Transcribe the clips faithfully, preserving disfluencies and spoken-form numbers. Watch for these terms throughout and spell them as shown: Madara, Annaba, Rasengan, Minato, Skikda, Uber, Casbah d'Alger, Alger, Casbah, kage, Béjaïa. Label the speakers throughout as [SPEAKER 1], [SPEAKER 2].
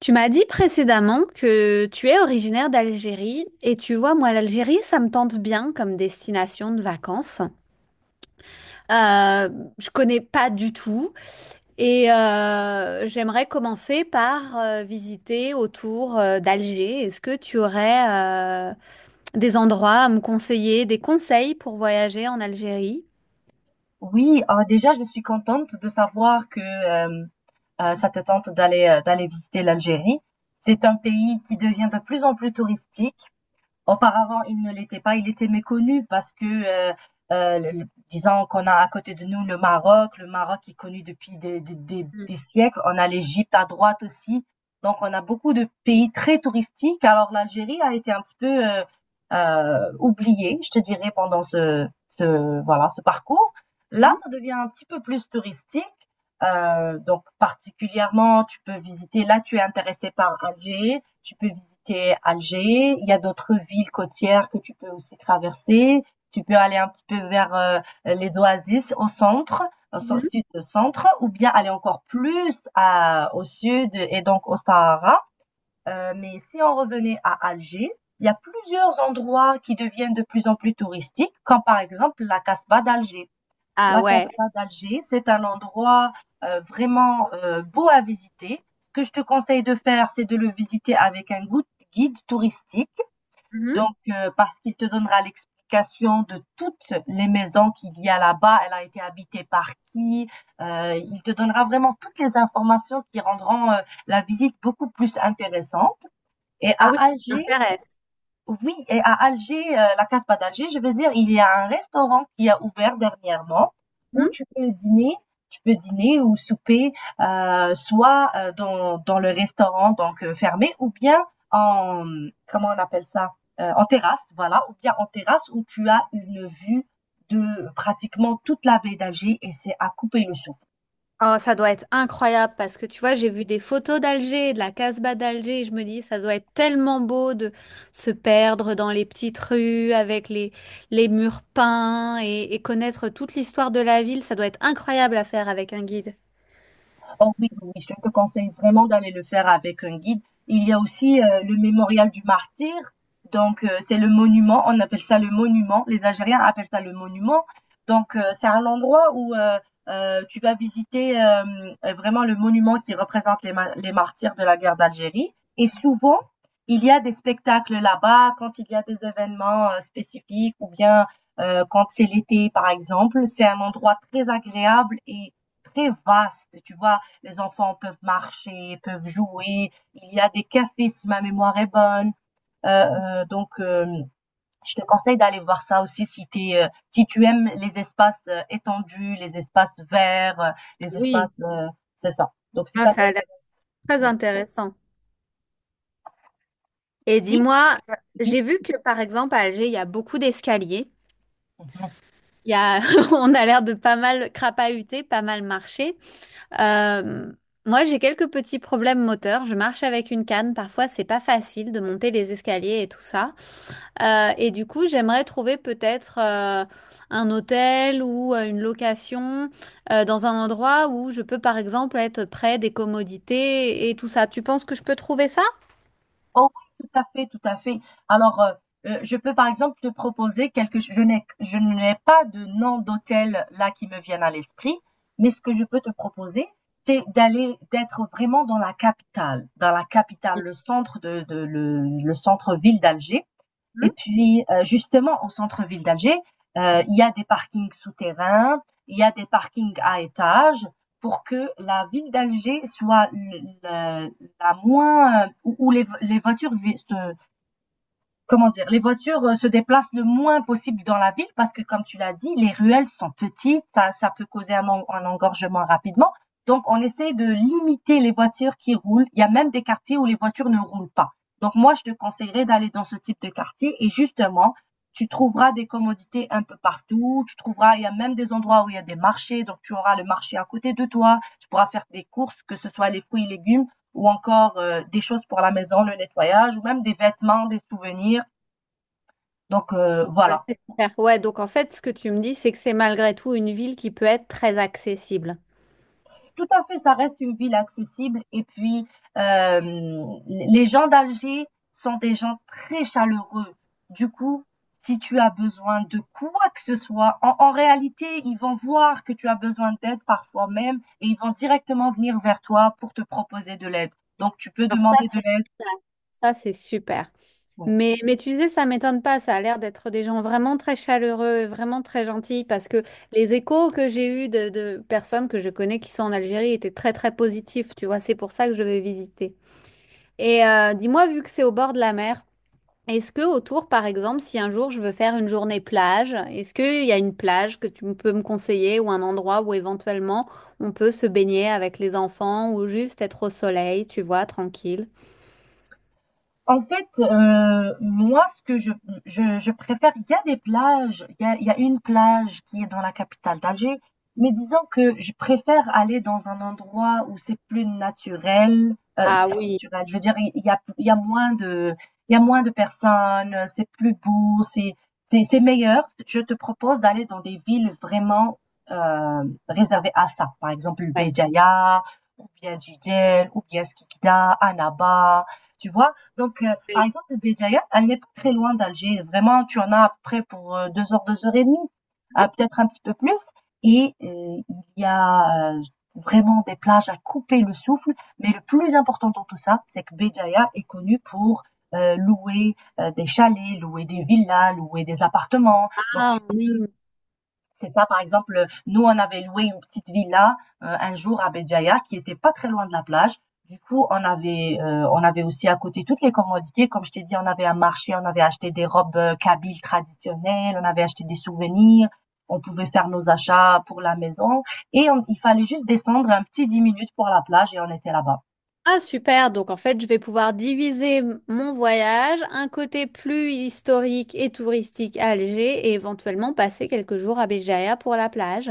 [SPEAKER 1] Tu m'as dit précédemment que tu es originaire d'Algérie et tu vois, moi, l'Algérie, ça me tente bien comme destination de vacances. Euh, je connais pas du tout et euh, j'aimerais commencer par euh, visiter autour euh, d'Alger. Est-ce que tu aurais euh, des endroits à me conseiller, des conseils pour voyager en Algérie?
[SPEAKER 2] Oui, ah, déjà, je suis contente de savoir que euh, euh, ça te tente d'aller euh, d'aller visiter l'Algérie. C'est un pays qui devient de plus en plus touristique. Auparavant, il ne l'était pas. Il était méconnu parce que, euh, euh, le- le- disons qu'on a à côté de nous le Maroc, le Maroc qui est connu depuis des, des- des-
[SPEAKER 1] Mhm.
[SPEAKER 2] des siècles. On a l'Égypte à droite aussi. Donc, on a beaucoup de pays très touristiques. Alors, l'Algérie a été un petit peu euh, euh, oubliée, je te dirais, pendant ce, ce- voilà, ce parcours. Là, ça devient un petit peu plus touristique. Euh, donc particulièrement, tu peux visiter, là tu es intéressé par Alger, tu peux visiter Alger, il y a d'autres villes côtières que tu peux aussi traverser, tu peux aller un petit peu vers euh, les oasis au centre, au so-
[SPEAKER 1] Mhm.
[SPEAKER 2] sud-centre, ou bien aller encore plus à- au sud et donc au Sahara. Euh, mais si on revenait à Alger, il y a plusieurs endroits qui deviennent de plus en plus touristiques, comme par exemple la Casbah d'Alger.
[SPEAKER 1] Ah
[SPEAKER 2] La
[SPEAKER 1] ouais.
[SPEAKER 2] Casbah d'Alger, c'est un endroit euh, vraiment euh, beau à visiter. Ce que je te conseille de faire, c'est de le visiter avec un gou- guide touristique,
[SPEAKER 1] Mhm.
[SPEAKER 2] donc euh, parce qu'il te donnera l'explication de toutes les maisons qu'il y a là-bas, elle a été habitée par qui. Euh, il te donnera vraiment toutes les informations qui rendront euh, la visite beaucoup plus intéressante. Et
[SPEAKER 1] Ah oui,
[SPEAKER 2] à
[SPEAKER 1] ça
[SPEAKER 2] Alger,
[SPEAKER 1] m'intéresse.
[SPEAKER 2] oui, et à Alger, heu, la Casbah d'Alger, je veux dire, il y a un restaurant qui a ouvert dernièrement où tu peux dîner, tu peux dîner ou souper, heu, soit, heu, dans dans le restaurant donc heu, fermé ou bien en, mmh, comment on appelle ça? Heu, en terrasse, voilà, ou bien en terrasse où tu as une vue de pratiquement toute la baie d'Alger et c'est à couper le souffle.
[SPEAKER 1] Oh, ça doit être incroyable parce que tu vois, j'ai vu des photos d'Alger, de la Casbah d'Alger, et je me dis, ça doit être tellement beau de se perdre dans les petites rues avec les, les murs peints et, et connaître toute l'histoire de la ville. Ça doit être incroyable à faire avec un guide.
[SPEAKER 2] Oh oui, oui, oui, je te conseille vraiment d'aller le faire avec un guide. Il y a aussi euh, le mémorial du martyr. Donc, euh, c'est le monument. On appelle ça le monument. Les Algériens appellent ça le monument. Donc, euh, c'est un endroit où euh, euh, tu vas visiter euh, euh, vraiment le monument qui représente les, ma- les martyrs de la guerre d'Algérie. Et souvent, il y a des spectacles là-bas quand il y a des événements euh, spécifiques ou bien euh, quand c'est l'été, par exemple. C'est un endroit très agréable et très vaste, tu vois. Les enfants peuvent marcher, peuvent jouer. Il y a des cafés si ma mémoire est bonne. Euh, euh, donc, euh, je te conseille d'aller voir ça aussi si, t'es, euh, si tu aimes les espaces euh, étendus, les espaces verts, euh, les
[SPEAKER 1] Oui.
[SPEAKER 2] espaces... euh, C'est ça. Donc, si
[SPEAKER 1] Ah,
[SPEAKER 2] ça
[SPEAKER 1] ça a l'air
[SPEAKER 2] t'intéresse.
[SPEAKER 1] très
[SPEAKER 2] Oui.
[SPEAKER 1] intéressant. Et
[SPEAKER 2] Si,
[SPEAKER 1] dis-moi,
[SPEAKER 2] oui.
[SPEAKER 1] j'ai vu que par exemple à Alger, il y a beaucoup d'escaliers.
[SPEAKER 2] Mhm.
[SPEAKER 1] Il y a, on a l'air de pas mal crapahuter, pas mal marcher. Euh, Moi, j'ai quelques petits problèmes moteurs. Je marche avec une canne. Parfois, c'est pas facile de monter les escaliers et tout ça. Euh, et du coup, j'aimerais trouver peut-être euh, un hôtel ou euh, une location euh, dans un endroit où je peux, par exemple, être près des commodités et tout ça. Tu penses que je peux trouver ça?
[SPEAKER 2] Oh oui, tout à fait, tout à fait. Alors, euh, euh, je peux par exemple te proposer quelque chose. Je n'ai, je n'ai pas de nom d'hôtel là qui me viennent à l'esprit, mais ce que je peux te proposer, c'est d'aller, d'être vraiment dans la capitale, dans la capitale, le centre de, de- le, le centre-ville d'Alger. Et puis, euh, justement, au centre-ville d'Alger, euh, il y a des parkings souterrains, il y a des parkings à étages pour que la ville d'Alger soit l- la, la moins, euh, où, où les, les voitures vi- se, comment dire, les voitures euh, se déplacent le moins possible dans la ville parce que, comme tu l'as dit, les ruelles sont petites, ça, ça peut causer un, en- un engorgement rapidement. Donc, on essaie de limiter les voitures qui roulent. Il y a même des quartiers où les voitures ne roulent pas. Donc, moi, je te conseillerais d'aller dans ce type de quartier et justement, tu trouveras des commodités un peu partout. Tu trouveras, il y a même des endroits où il y a des marchés. Donc, tu auras le marché à côté de toi. Tu pourras faire des courses, que ce soit les fruits et légumes ou encore euh, des choses pour la maison, le nettoyage, ou même des vêtements, des souvenirs. Donc euh,
[SPEAKER 1] Bah,
[SPEAKER 2] voilà.
[SPEAKER 1] c'est super. Ouais, donc en fait, ce que tu me dis, c'est que c'est malgré tout une ville qui peut être très accessible.
[SPEAKER 2] Tout à fait, ça reste une ville accessible. Et puis, euh, les gens d'Alger sont des gens très chaleureux. Du coup, si tu as besoin de quoi que ce soit, en, en réalité, ils vont voir que tu as besoin d'aide parfois même et ils vont directement venir vers toi pour te proposer de l'aide. Donc, tu peux
[SPEAKER 1] Alors ça,
[SPEAKER 2] demander de
[SPEAKER 1] c'est
[SPEAKER 2] l'aide.
[SPEAKER 1] ça, c'est super.
[SPEAKER 2] Oui.
[SPEAKER 1] Mais, mais tu disais, ça m'étonne pas, ça a l'air d'être des gens vraiment très chaleureux, vraiment très gentils, parce que les échos que j'ai eus de, de personnes que je connais qui sont en Algérie étaient très très positifs, tu vois, c'est pour ça que je vais visiter. Et euh, dis-moi, vu que c'est au bord de la mer, est-ce que autour, par exemple, si un jour je veux faire une journée plage, est-ce qu'il y a une plage que tu peux me conseiller ou un endroit où éventuellement on peut se baigner avec les enfants ou juste être au soleil, tu vois, tranquille?
[SPEAKER 2] En fait, heu, moi, ce que je je je préfère, il y a des plages, il y a il y a une plage qui est dans la capitale d'Alger, mais disons que je préfère aller dans un endroit où c'est plus naturel, heu,
[SPEAKER 1] Ah
[SPEAKER 2] plus
[SPEAKER 1] oui.
[SPEAKER 2] naturel, je veux dire, il il y a il y a moins de, il y a moins de personnes, c'est plus beau, c'est c'est c'est meilleur. Je te propose d'aller dans des villes vraiment, heu, réservées à ça. Par exemple,
[SPEAKER 1] Ouais.
[SPEAKER 2] Béjaïa ou bien Jidel ou bien Skikda, Annaba, tu vois? Donc, euh, Par exemple, Béjaïa, elle n'est pas très loin d'Alger. Vraiment, tu en as à peu près pour euh, deux heures, deux heures et demie, ah, peut-être un petit peu plus. Et euh, il y a euh, vraiment des plages à couper le souffle. Mais le plus important dans tout ça, c'est que Béjaïa est connue pour euh, louer euh, des chalets, louer des villas, louer des appartements. Donc,
[SPEAKER 1] Ah
[SPEAKER 2] tu
[SPEAKER 1] oui.
[SPEAKER 2] C'est ça, par exemple, nous, on avait loué une petite villa euh, un jour à Béjaïa qui était pas très loin de la plage. Du coup, on avait, euh, on avait aussi à côté toutes les commodités. Comme je t'ai dit, on avait un marché, on avait acheté des robes euh, kabyles traditionnelles, on avait acheté des souvenirs, on pouvait faire nos achats pour la maison. Et on- il fallait juste descendre un petit dix minutes pour la plage et on était là-bas.
[SPEAKER 1] Ah super, donc en fait je vais pouvoir diviser m- mon voyage, un côté plus historique et touristique à Alger et éventuellement passer quelques jours à Béjaïa pour la plage.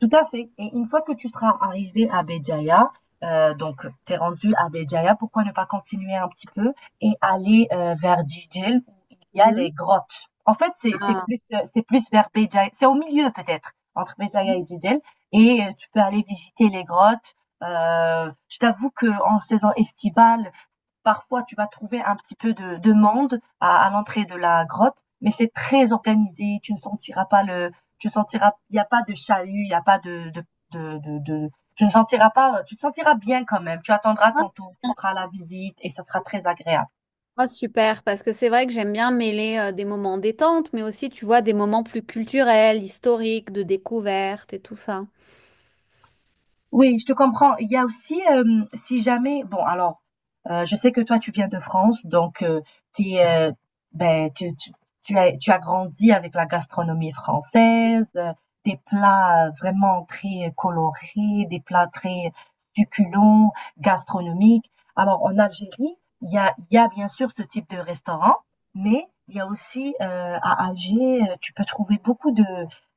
[SPEAKER 2] Tout à fait. Et une fois que tu seras arrivé à Béjaïa, euh, donc t'es rendu à Béjaïa, pourquoi ne pas continuer un petit peu et aller euh, vers Djidjel où il y a
[SPEAKER 1] Mhm.
[SPEAKER 2] les grottes. En fait, c'est c'est
[SPEAKER 1] Ah.
[SPEAKER 2] plus euh, c'est plus vers Béjaïa, c'est au milieu peut-être entre Béjaïa et Djidjel et euh, tu peux aller visiter les grottes. Euh, je t'avoue que en saison estivale, parfois, tu vas trouver un petit peu de, de monde à, à l'entrée de la grotte, mais c'est très organisé. Tu ne sentiras pas le, tu ne sentiras, Il n'y a pas de chahut, il n'y a pas de, de, de, de, de- tu ne sentiras pas, tu te sentiras bien quand même. Tu attendras ton tour, tu feras la visite et ça sera très agréable.
[SPEAKER 1] Ah, super, parce que c'est vrai que j'aime bien mêler euh, des moments détente, mais aussi tu vois des moments plus culturels, historiques, de découverte et tout ça.
[SPEAKER 2] Oui, je te comprends. Il y a aussi, hem, si jamais bon alors, heu, je sais que toi tu viens de France donc heu, tu es, heu, tu tu tu as, tu as grandi avec la gastronomie française, heu, des plats, heu, vraiment très colorés, des plats très succulents, gastronomiques. Alors en Algérie, il y a il y a bien sûr ce type de restaurant, mais il y a aussi, heu, à Alger, heu, tu peux trouver beaucoup de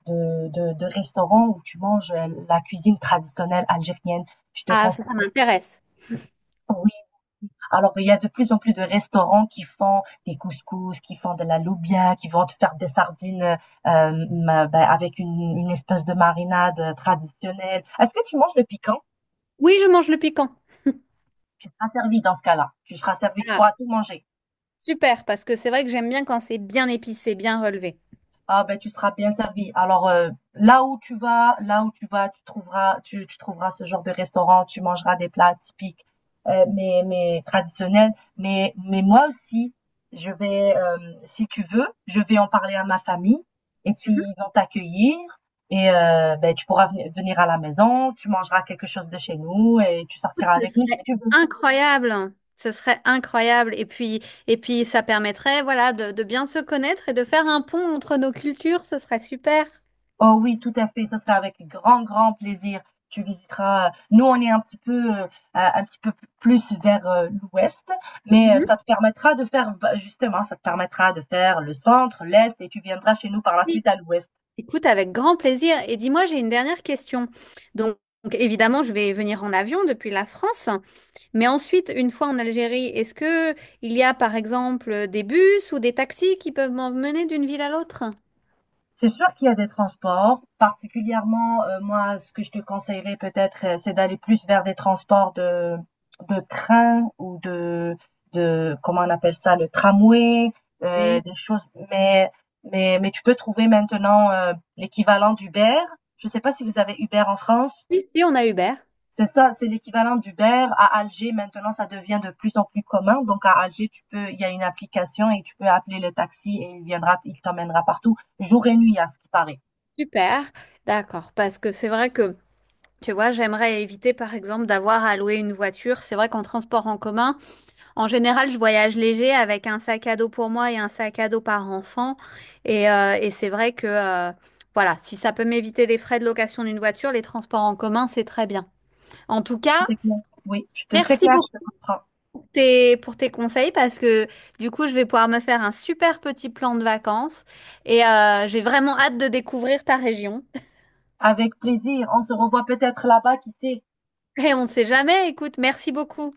[SPEAKER 2] de, de, de restaurants où tu manges euh, la cuisine traditionnelle algérienne. Je te
[SPEAKER 1] Ah
[SPEAKER 2] conseille.
[SPEAKER 1] ça, ça m'intéresse.
[SPEAKER 2] Oui. Alors, il y a de plus en plus de restaurants qui font des couscous, qui font de la loubia, qui vont te faire des sardines euh, ma- ben, avec une, une espèce de marinade euh, traditionnelle. Est-ce que tu manges le piquant?
[SPEAKER 1] Oui, je mange le piquant.
[SPEAKER 2] Tu seras servi dans ce cas-là. Tu seras servi, tu
[SPEAKER 1] Ah,
[SPEAKER 2] pourras tout manger.
[SPEAKER 1] super, parce que c'est vrai que j'aime bien quand c'est bien épicé, bien relevé.
[SPEAKER 2] Ah ben tu seras bien servi. Alors euh, là où tu vas, là où tu vas, tu trouveras, tu, tu trouveras ce genre de restaurant, tu mangeras des plats typiques, euh, mais, mais traditionnels. Mais, mais moi aussi, je vais, euh, si tu veux, je vais en parler à ma famille et puis ils vont t'accueillir et euh, ben, tu pourras venir venir à la maison, tu mangeras quelque chose de chez nous et tu sortiras
[SPEAKER 1] Ce
[SPEAKER 2] avec nous si
[SPEAKER 1] serait
[SPEAKER 2] tu veux.
[SPEAKER 1] incroyable, hein. Ce serait incroyable. Et puis, et puis ça permettrait, voilà, de, de bien se connaître et de faire un pont entre nos cultures. Ce serait super.
[SPEAKER 2] Oh oui, tout à fait, ça sera avec grand, grand plaisir. Tu visiteras, euh, nous on est un petit peu, heu, un un petit peu plus vers, heu, l'ouest, mais heu,
[SPEAKER 1] Mhm.
[SPEAKER 2] ça te permettra de faire, bah, justement, ça te permettra de faire le centre, l'est et tu viendras chez nous par la
[SPEAKER 1] Oui.
[SPEAKER 2] suite à l'ouest.
[SPEAKER 1] Écoute, avec grand plaisir. Et dis-moi, j'ai une dernière question. Donc, donc, évidemment, je vais venir en avion depuis la France. Mais ensuite, une fois en Algérie, est-ce que il y a, par exemple, des bus ou des taxis qui peuvent m'emmener d'une ville à l'autre?
[SPEAKER 2] C'est sûr qu'il y a des transports. Particulièrement, heu, moi, ce que je te conseillerais peut-être, heu, c'est d'aller plus vers des transports de de train ou de de, comment on appelle ça? Le tramway, heu,
[SPEAKER 1] Oui.
[SPEAKER 2] des choses mais mais mais tu peux trouver maintenant, heu, l'équivalent d'Uber. Je ne sais pas si vous avez Uber en France?
[SPEAKER 1] Ici, on a Uber.
[SPEAKER 2] C'est ça, c'est l'équivalent d'Uber. À Alger, maintenant, ça devient de plus en plus commun. Donc à Alger, tu peux il y a une application et tu peux appeler le taxi et il viendra, il t'emmènera partout, jour et nuit à ce qui paraît.
[SPEAKER 1] Super. D'accord. Parce que c'est vrai que tu vois, j'aimerais éviter par exemple d'avoir à louer une voiture. C'est vrai qu'en transport en commun, en général, je voyage léger avec un sac à dos pour moi et un sac à dos par enfant. Et, euh, et c'est vrai que euh, voilà, si ça peut m'éviter les frais de location d'une voiture, les transports en commun, c'est très bien. En tout cas,
[SPEAKER 2] C'est clair. Oui, je te c'est
[SPEAKER 1] merci
[SPEAKER 2] clair,
[SPEAKER 1] pour
[SPEAKER 2] je te comprends.
[SPEAKER 1] tes, pour tes conseils parce que du coup, je vais pouvoir me faire un super petit plan de vacances et euh, j'ai vraiment hâte de découvrir ta région.
[SPEAKER 2] Avec plaisir. On se revoit peut-être là-bas, qui sait?
[SPEAKER 1] Et on ne sait jamais, écoute, merci beaucoup.